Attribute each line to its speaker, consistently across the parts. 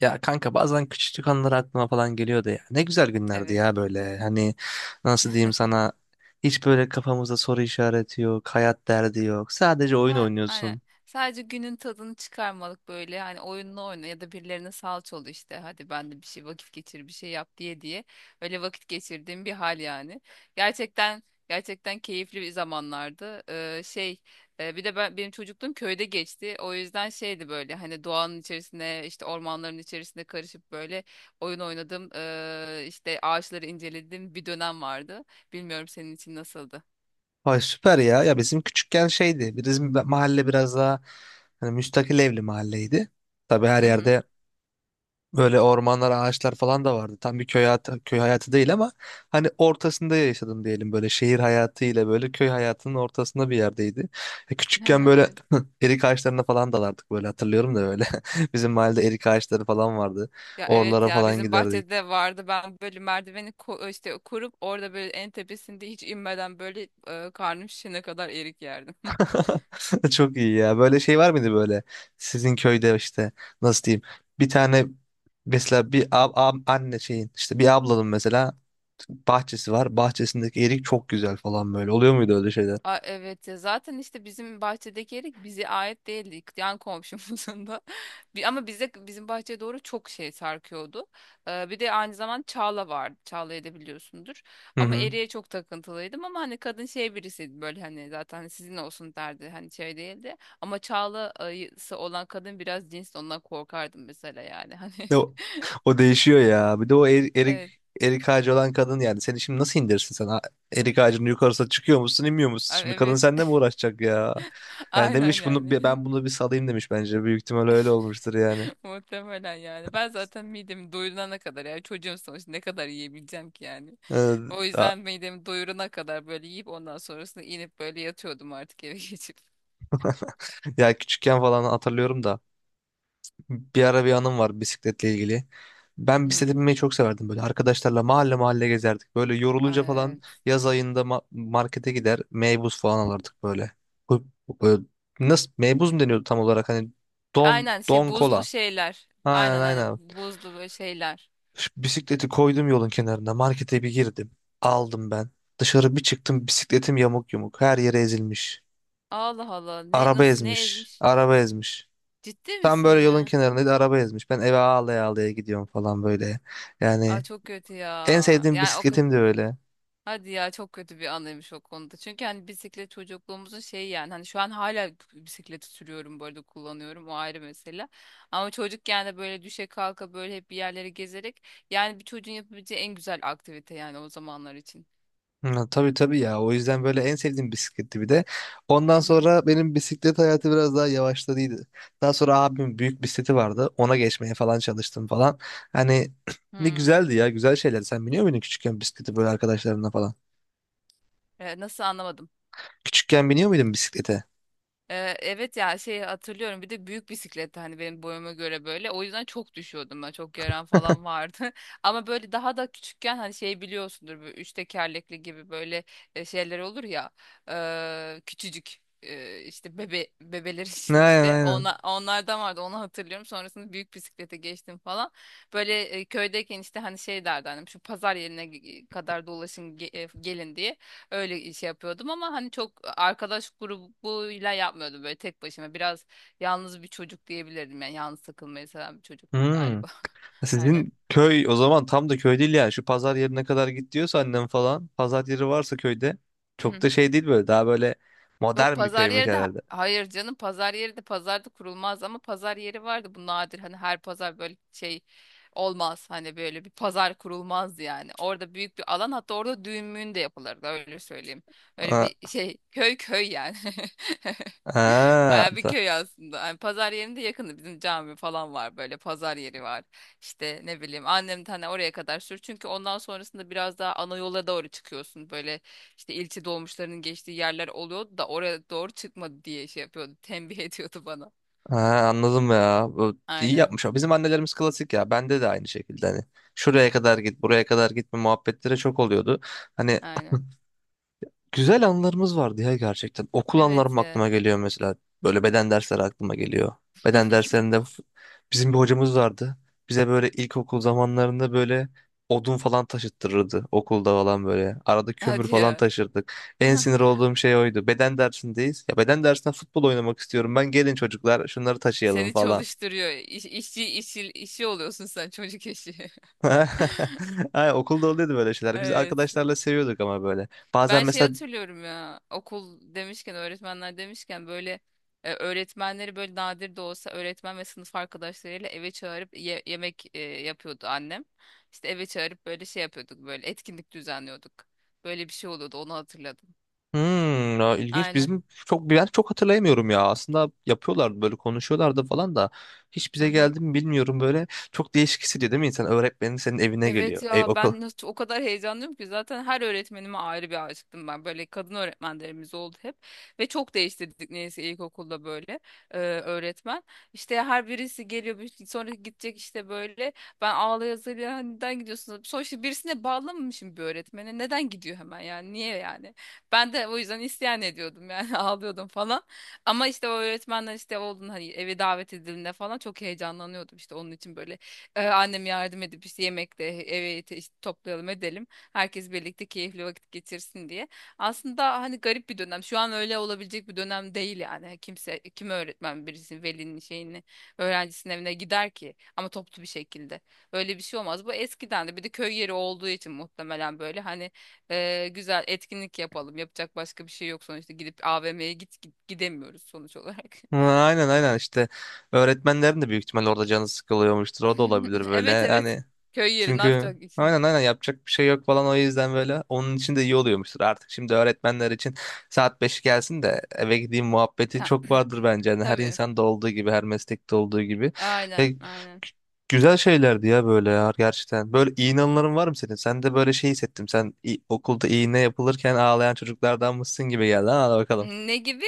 Speaker 1: Ya kanka bazen küçüklük anıları aklıma falan geliyordu ya. Ne güzel günlerdi
Speaker 2: Evet.
Speaker 1: ya böyle. Hani nasıl diyeyim sana, hiç böyle kafamızda soru işareti yok, hayat derdi yok. Sadece oyun
Speaker 2: Ha, aynen.
Speaker 1: oynuyorsun.
Speaker 2: Sadece günün tadını çıkarmalık böyle. Hani oyunla oyna ya da birilerine salça ol işte. Hadi ben de bir şey vakit geçir, bir şey yap diye diye. Öyle vakit geçirdiğim bir hal yani. Gerçekten gerçekten keyifli bir zamanlardı. Şey, bir de ben çocukluğum köyde geçti. O yüzden şeydi böyle hani doğanın içerisine işte ormanların içerisine karışıp böyle oyun oynadım. İşte ağaçları inceledim, bir dönem vardı. Bilmiyorum senin için nasıldı?
Speaker 1: Vay süper ya. Ya bizim küçükken şeydi. Bizim mahalle biraz daha hani müstakil evli mahalleydi. Tabii her
Speaker 2: Hı hı.
Speaker 1: yerde böyle ormanlar, ağaçlar falan da vardı. Tam bir köy hayatı, köy hayatı değil ama hani ortasında yaşadım diyelim, böyle şehir hayatı ile böyle köy hayatının ortasında bir yerdeydi. Küçükken böyle
Speaker 2: Evet.
Speaker 1: erik ağaçlarına falan dalardık, böyle hatırlıyorum da böyle. Bizim mahallede erik ağaçları falan vardı.
Speaker 2: Ya evet,
Speaker 1: Oralara
Speaker 2: ya
Speaker 1: falan
Speaker 2: bizim
Speaker 1: giderdik.
Speaker 2: bahçede vardı. Ben böyle merdiveni işte kurup orada böyle en tepesinde hiç inmeden böyle, karnım şişene kadar erik yerdim.
Speaker 1: Çok iyi ya. Böyle şey var mıydı böyle? Sizin köyde işte nasıl diyeyim? Bir tane, mesela anne şeyin, işte bir ablanın mesela bahçesi var. Bahçesindeki erik çok güzel falan böyle. Oluyor muydu öyle şeyler?
Speaker 2: A, evet ya, zaten işte bizim bahçedeki erik bize ait değildi. Yan komşumuzun da. Ama bize, bizim bahçeye doğru çok şey sarkıyordu. Bir de aynı zaman çağla vardı. Çağla'yı da biliyorsundur.
Speaker 1: Hı
Speaker 2: Ama
Speaker 1: hı.
Speaker 2: eriğe çok takıntılıydım, ama hani kadın şey birisiydi böyle, hani zaten hani, sizin olsun derdi. Hani şey değildi. Ama çağlası olan kadın biraz cins, ondan korkardım mesela yani. Hani
Speaker 1: E, O, o değişiyor ya. Bir de o er- erik
Speaker 2: evet.
Speaker 1: erik ağacı olan kadın, yani seni şimdi nasıl indirsin sen? Ha, erik ağacının yukarısına çıkıyor musun, inmiyor musun? Şimdi kadın
Speaker 2: Evet.
Speaker 1: seninle mi uğraşacak ya? Yani
Speaker 2: Aynen
Speaker 1: demiş
Speaker 2: yani.
Speaker 1: ben bunu bir salayım demiş bence. Büyük ihtimal öyle olmuştur yani.
Speaker 2: Muhtemelen yani. Ben zaten midemi doyurana kadar yani, çocuğum sonuçta, ne kadar yiyebileceğim ki yani. O
Speaker 1: Ee,
Speaker 2: yüzden midemi doyurana kadar böyle yiyip, ondan sonrasında inip böyle yatıyordum artık, eve geçip.
Speaker 1: Ya küçükken falan hatırlıyorum da bir ara bir anım var bisikletle ilgili. Ben bisiklete
Speaker 2: Hmm.
Speaker 1: binmeyi çok severdim böyle. Arkadaşlarla mahalle mahalle gezerdik. Böyle yorulunca falan
Speaker 2: Evet.
Speaker 1: yaz ayında markete gider, meybuz falan alırdık böyle. Böyle nasıl, meybuz mu deniyordu tam olarak, hani don
Speaker 2: Aynen, şey,
Speaker 1: don
Speaker 2: buzlu
Speaker 1: kola.
Speaker 2: şeyler.
Speaker 1: Aynen
Speaker 2: Aynen,
Speaker 1: aynen.
Speaker 2: aynen, buzlu böyle şeyler.
Speaker 1: Şu bisikleti koydum yolun kenarına, markete bir girdim. Aldım ben. Dışarı bir çıktım, bisikletim yamuk yumuk her yere ezilmiş.
Speaker 2: Allah Allah, ne,
Speaker 1: Araba
Speaker 2: nasıl, ne
Speaker 1: ezmiş.
Speaker 2: ezmiş?
Speaker 1: Araba ezmiş.
Speaker 2: Ciddi
Speaker 1: Tam
Speaker 2: misin
Speaker 1: böyle yolun
Speaker 2: ya?
Speaker 1: kenarında araba ezmiş. Ben eve ağlaya ağlaya gidiyorum falan böyle.
Speaker 2: Aa,
Speaker 1: Yani
Speaker 2: çok kötü ya.
Speaker 1: en sevdiğim
Speaker 2: Yani o,
Speaker 1: bisikletim de öyle.
Speaker 2: hadi ya, çok kötü bir anıymış o konuda. Çünkü hani bisiklet çocukluğumuzun şeyi yani, hani şu an hala bisikleti sürüyorum bu arada, kullanıyorum, o ayrı mesele. Ama çocukken de böyle düşe kalka böyle hep bir yerlere gezerek, yani bir çocuğun yapabileceği en güzel aktivite yani o zamanlar için.
Speaker 1: Hı, tabii tabii ya. O yüzden böyle en sevdiğim bisikletti bir de.
Speaker 2: Hı
Speaker 1: Ondan
Speaker 2: hı.
Speaker 1: sonra benim bisiklet hayatı biraz daha yavaşladıydı. Daha sonra abimin büyük bisikleti vardı. Ona geçmeye falan çalıştım falan. Hani ne
Speaker 2: Hmm.
Speaker 1: güzeldi ya. Güzel şeyler. Sen biniyor muydun küçükken bisikleti böyle arkadaşlarınla falan?
Speaker 2: Nasıl, anlamadım.
Speaker 1: Küçükken biniyor muydun bisiklete?
Speaker 2: Evet ya, şey hatırlıyorum. Bir de büyük bisikletti, hani benim boyuma göre, böyle o yüzden çok düşüyordum, ben çok yaran falan vardı. Ama böyle daha da küçükken hani şey biliyorsundur, böyle üç tekerlekli gibi, böyle şeyler olur ya, küçücük, işte bebeler için
Speaker 1: Aynen
Speaker 2: işte,
Speaker 1: aynen.
Speaker 2: ona onlardan vardı, onu hatırlıyorum. Sonrasında büyük bisiklete geçtim falan. Böyle köydeyken işte hani şey derdi annem, şu pazar yerine kadar dolaşın gelin diye. Öyle iş yapıyordum, ama hani çok arkadaş grubuyla yapmıyordum, böyle tek başıma. Biraz yalnız bir çocuk diyebilirdim yani, yalnız takılmayı seven bir çocuktum
Speaker 1: Hmm.
Speaker 2: galiba. Aynen.
Speaker 1: Sizin köy o zaman tam da köy değil yani. Şu pazar yerine kadar git diyorsa annem falan. Pazar yeri varsa köyde, çok da şey değil böyle. Daha böyle
Speaker 2: Yok
Speaker 1: modern bir
Speaker 2: pazar
Speaker 1: köymüş
Speaker 2: yeri de
Speaker 1: herhalde.
Speaker 2: hayır canım, pazar yeri de pazarda kurulmaz, ama pazar yeri vardı. Bu nadir, hani her pazar böyle şey olmaz, hani böyle bir pazar kurulmaz yani, orada büyük bir alan, hatta orada düğün müğün de yapılırdı, öyle söyleyeyim. Öyle
Speaker 1: Aa,
Speaker 2: bir şey, köy köy yani.
Speaker 1: aa,
Speaker 2: Baya bir
Speaker 1: da-
Speaker 2: köy aslında. Hani pazar yerinde, yakında bizim cami falan var, böyle pazar yeri var. İşte ne bileyim, annem de hani oraya kadar sür, çünkü ondan sonrasında biraz daha ana yola doğru çıkıyorsun böyle, işte ilçe dolmuşlarının geçtiği yerler oluyordu da, oraya doğru çıkmadı diye şey yapıyordu. Tembih ediyordu bana.
Speaker 1: Aa, anladım ya. Bu iyi
Speaker 2: Aynen.
Speaker 1: yapmış. O. Bizim annelerimiz klasik ya. Bende de aynı şekilde hani. Şuraya kadar git, buraya kadar gitme muhabbetleri çok oluyordu. Hani
Speaker 2: Aynen.
Speaker 1: güzel anılarımız vardı ya gerçekten. Okul
Speaker 2: Evet
Speaker 1: anılarım
Speaker 2: ya.
Speaker 1: aklıma geliyor mesela. Böyle beden dersleri aklıma geliyor. Beden derslerinde f- Bizim bir hocamız vardı. Bize böyle ilkokul zamanlarında böyle odun falan taşıttırırdı okulda falan böyle. Arada kömür
Speaker 2: Hadi
Speaker 1: falan
Speaker 2: ya.
Speaker 1: taşırdık. En sinir olduğum şey oydu. Beden dersindeyiz. Ya beden dersinde futbol oynamak istiyorum. Ben, gelin çocuklar şunları taşıyalım
Speaker 2: Seni
Speaker 1: falan.
Speaker 2: çalıştırıyor. İş, işçi, işi, işçi oluyorsun sen, çocuk işi.
Speaker 1: Ay, okulda oluyordu böyle şeyler. Biz
Speaker 2: Evet.
Speaker 1: arkadaşlarla seviyorduk ama böyle. Bazen
Speaker 2: Ben şey
Speaker 1: mesela
Speaker 2: hatırlıyorum ya, okul demişken, öğretmenler demişken, böyle öğretmenleri böyle nadir de olsa, öğretmen ve sınıf arkadaşlarıyla eve çağırıp yemek yapıyordu annem. İşte eve çağırıp böyle şey yapıyorduk, böyle etkinlik düzenliyorduk. Böyle bir şey oluyordu, onu hatırladım.
Speaker 1: hmm, ya ilginç.
Speaker 2: Aynen.
Speaker 1: Bizim çok Ben çok hatırlayamıyorum ya. Aslında yapıyorlardı, böyle konuşuyorlardı falan da hiç
Speaker 2: Hı
Speaker 1: bize
Speaker 2: hı.
Speaker 1: geldi mi bilmiyorum böyle. Çok değişik hissediyor değil mi insan? Öğretmenin senin evine geliyor.
Speaker 2: Evet
Speaker 1: Ey
Speaker 2: ya,
Speaker 1: okul.
Speaker 2: ben nasıl o kadar heyecanlıyım ki, zaten her öğretmenime ayrı bir aşıktım ben. Böyle kadın öğretmenlerimiz oldu hep, ve çok değiştirdik neyse ilkokulda, böyle öğretmen. İşte her birisi geliyor, şey, sonra gidecek işte böyle, ben ağlaya zırlaya, hani neden gidiyorsunuz? Sonuçta birisine bağlanmamışım bir öğretmene, neden gidiyor hemen yani, niye yani? Ben de o yüzden isyan ediyordum yani, ağlıyordum falan. Ama işte o öğretmenler işte oldun, hani eve davet edildiğinde falan çok heyecanlanıyordum, işte onun için böyle annem yardım edip işte yemekle evi işte toplayalım edelim. Herkes birlikte keyifli vakit geçirsin diye. Aslında hani garip bir dönem. Şu an öyle olabilecek bir dönem değil yani. Hani kim öğretmen birisinin, velinin şeyini, öğrencisinin evine gider ki, ama toplu bir şekilde. Öyle bir şey olmaz. Bu eskiden, de bir de köy yeri olduğu için muhtemelen, böyle hani güzel etkinlik yapalım. Yapacak başka bir şey yok sonuçta, gidip AVM'ye git, git gidemiyoruz sonuç olarak.
Speaker 1: Ha, aynen aynen işte, öğretmenlerin de büyük ihtimalle orada canı sıkılıyormuştur. O da olabilir böyle.
Speaker 2: Evet evet.
Speaker 1: Yani
Speaker 2: Köy yeri ne
Speaker 1: çünkü
Speaker 2: yapacak?
Speaker 1: aynen aynen yapacak bir şey yok falan, o yüzden böyle onun için de iyi oluyormuştur artık. Şimdi öğretmenler için saat 5 gelsin de eve gideyim muhabbeti
Speaker 2: Ha,
Speaker 1: çok vardır bence. Yani her
Speaker 2: tabii.
Speaker 1: insanda olduğu gibi, her meslekte olduğu gibi. Ya,
Speaker 2: Aynen,
Speaker 1: gü-
Speaker 2: aynen.
Speaker 1: Güzel şeylerdi ya böyle ya gerçekten. Böyle iyi anıların var mı senin? Sen de böyle şey hissettim. Okulda iğne yapılırken ağlayan çocuklardan mısın gibi geldi. Ha, hadi bakalım.
Speaker 2: Ne gibi?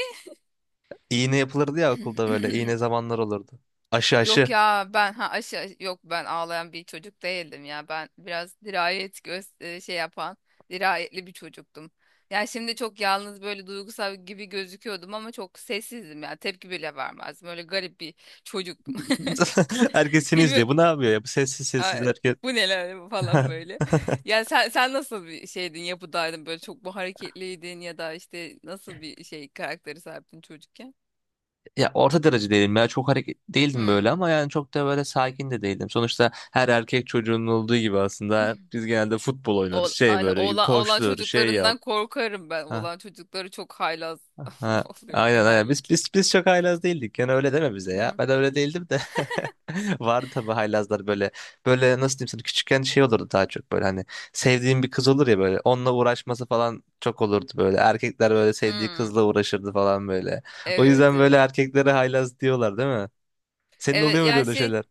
Speaker 1: İğne yapılırdı ya okulda böyle. İğne zamanlar olurdu. Aşı
Speaker 2: Yok
Speaker 1: aşı.
Speaker 2: ya, ben aşı, yok, ben ağlayan bir çocuk değildim ya. Ben biraz dirayet göz, şey yapan, dirayetli bir çocuktum. Yani şimdi çok yalnız böyle duygusal gibi gözüküyordum, ama çok sessizdim ya. Tepki bile vermezdim. Öyle garip bir çocuktum.
Speaker 1: Herkes seni izliyor.
Speaker 2: Bilmiyorum.
Speaker 1: Bu ne yapıyor ya? Bu sessiz sessiz
Speaker 2: Ay,
Speaker 1: herkes.
Speaker 2: bu neler falan böyle. Yani sen nasıl bir şeydin, yapıdaydın, böyle çok mu hareketliydin, ya da işte nasıl bir şey karakteri sahiptin çocukken?
Speaker 1: Ya orta derece değilim ya, çok hareket değildim böyle,
Speaker 2: Hmm.
Speaker 1: ama yani çok da böyle sakin de değildim. Sonuçta her erkek çocuğunun olduğu gibi aslında biz genelde futbol oynarız,
Speaker 2: O,
Speaker 1: şey
Speaker 2: aynı
Speaker 1: böyle
Speaker 2: oğlan
Speaker 1: koştur şey yap.
Speaker 2: çocuklarından korkarım ben. Oğlan çocukları çok haylaz
Speaker 1: Ha,
Speaker 2: oluyor
Speaker 1: aynen aynen. Biz
Speaker 2: genellikle.
Speaker 1: biz biz çok haylaz değildik. Yani öyle deme bize ya.
Speaker 2: Hmm.
Speaker 1: Ben öyle değildim de. Vardı tabii haylazlar böyle. Böyle nasıl diyeyim sana, küçükken şey olurdu daha çok böyle, hani sevdiğim bir kız olur ya böyle. Onunla uğraşması falan çok olurdu böyle. Erkekler böyle sevdiği
Speaker 2: Hmm.
Speaker 1: kızla uğraşırdı falan böyle. O
Speaker 2: Evet,
Speaker 1: yüzden böyle
Speaker 2: evet.
Speaker 1: erkeklere haylaz diyorlar değil mi? Senin
Speaker 2: Evet,
Speaker 1: oluyor muydu
Speaker 2: yani
Speaker 1: öyle
Speaker 2: şey,
Speaker 1: şeyler?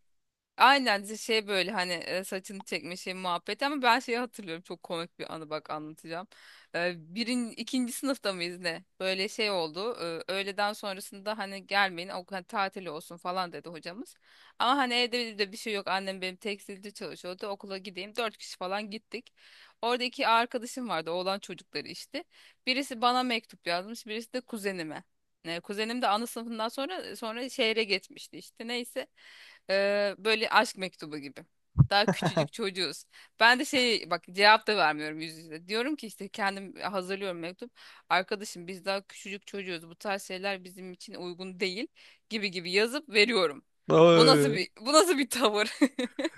Speaker 2: aynen, şey, böyle hani saçını çekme şey muhabbeti, ama ben şeyi hatırlıyorum, çok komik bir anı, bak anlatacağım. İkinci sınıfta mıyız ne? Böyle şey oldu. Öğleden sonrasında hani gelmeyin, o hani tatil olsun falan dedi hocamız. Ama hani evde de bir şey yok, annem benim tekstilde çalışıyordu, okula gideyim, dört kişi falan gittik. Orada iki arkadaşım vardı, oğlan çocukları işte. Birisi bana mektup yazmış, birisi de kuzenime. Kuzenim de ana sınıfından sonra şehre gitmişti. İşte neyse. Böyle aşk mektubu gibi. Daha küçücük çocuğuz. Ben de şey, bak cevap da vermiyorum yüz yüze. Diyorum ki işte, kendim hazırlıyorum mektup. Arkadaşım, biz daha küçücük çocuğuz. Bu tarz şeyler bizim için uygun değil, gibi gibi yazıp veriyorum.
Speaker 1: Oy.
Speaker 2: Bu nasıl bir tavır?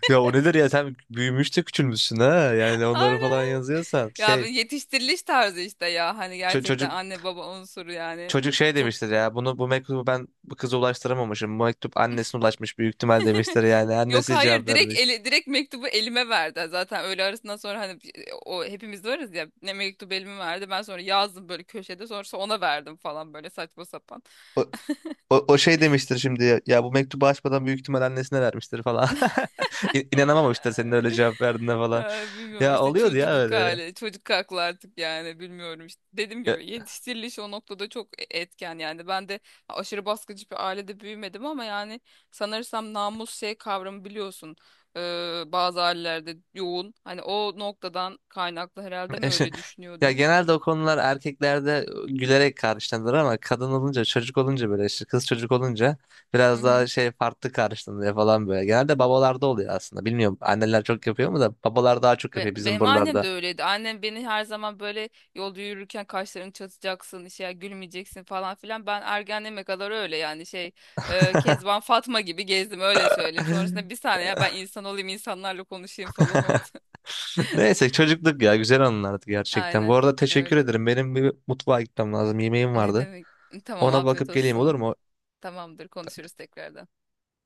Speaker 1: Ya o nedir ya, sen büyümüş de küçülmüşsün ha. Yani onları falan
Speaker 2: Aynen.
Speaker 1: yazıyorsan
Speaker 2: Ya bir yetiştiriliş tarzı işte ya. Hani
Speaker 1: ço-
Speaker 2: gerçekten
Speaker 1: çocuk
Speaker 2: anne baba unsuru yani.
Speaker 1: çocuk şey
Speaker 2: Çok.
Speaker 1: demiştir ya, bunu bu mektubu ben bu kıza ulaştıramamışım. Bu mektup annesine ulaşmış büyük ihtimal demiştir yani.
Speaker 2: Yok,
Speaker 1: Annesi cevap
Speaker 2: hayır,
Speaker 1: vermiş.
Speaker 2: direkt mektubu elime verdi. Zaten öğle arasından sonra, hani o hepimiz de varız ya, ne mektubu elime verdi. Ben sonra yazdım böyle köşede, sonrası ona verdim falan, böyle saçma sapan.
Speaker 1: O, O şey demiştir şimdi ya, ya bu mektubu açmadan büyük ihtimal annesine vermiştir falan. İnanamamıştır senin öyle cevap verdiğine falan.
Speaker 2: Ay, bilmiyorum
Speaker 1: Ya
Speaker 2: işte,
Speaker 1: oluyordu ya
Speaker 2: çocukluk
Speaker 1: öyle.
Speaker 2: hali, çocuk aklı artık yani, bilmiyorum işte. Dediğim
Speaker 1: Ya
Speaker 2: gibi yetiştiriliş o noktada çok etken yani. Ben de aşırı baskıcı bir ailede büyümedim, ama yani sanırsam namus şey kavramı biliyorsun. Bazı ailelerde yoğun. Hani o noktadan kaynaklı herhalde mi öyle
Speaker 1: ya
Speaker 2: düşünüyordum?
Speaker 1: genelde o konular erkeklerde gülerek karşılanır, ama kadın olunca, çocuk olunca, böyle işte kız çocuk olunca
Speaker 2: Hı
Speaker 1: biraz daha
Speaker 2: hı.
Speaker 1: şey farklı karşılanıyor falan böyle. Genelde babalarda oluyor aslında. Bilmiyorum anneler çok yapıyor mu da, babalar daha çok yapıyor bizim
Speaker 2: Benim annem
Speaker 1: buralarda.
Speaker 2: de öyleydi. Annem beni her zaman böyle, yolda yürürken kaşlarını çatacaksın, işte gülmeyeceksin falan filan. Ben ergenliğime kadar öyle yani, şey, Kezban Fatma gibi gezdim, öyle söyleyeyim. Sonrasında, bir saniye ya, ben insan olayım, insanlarla konuşayım falan oldu.
Speaker 1: Neyse çocukluk ya, güzel anılardı gerçekten. Bu
Speaker 2: Aynen
Speaker 1: arada teşekkür
Speaker 2: öyle.
Speaker 1: ederim. Benim bir mutfağa gitmem lazım. Yemeğim
Speaker 2: Ne
Speaker 1: vardı.
Speaker 2: demek? Tamam,
Speaker 1: Ona
Speaker 2: afiyet
Speaker 1: bakıp
Speaker 2: olsun
Speaker 1: geleyim olur
Speaker 2: sana.
Speaker 1: mu?
Speaker 2: Tamamdır, konuşuruz tekrardan.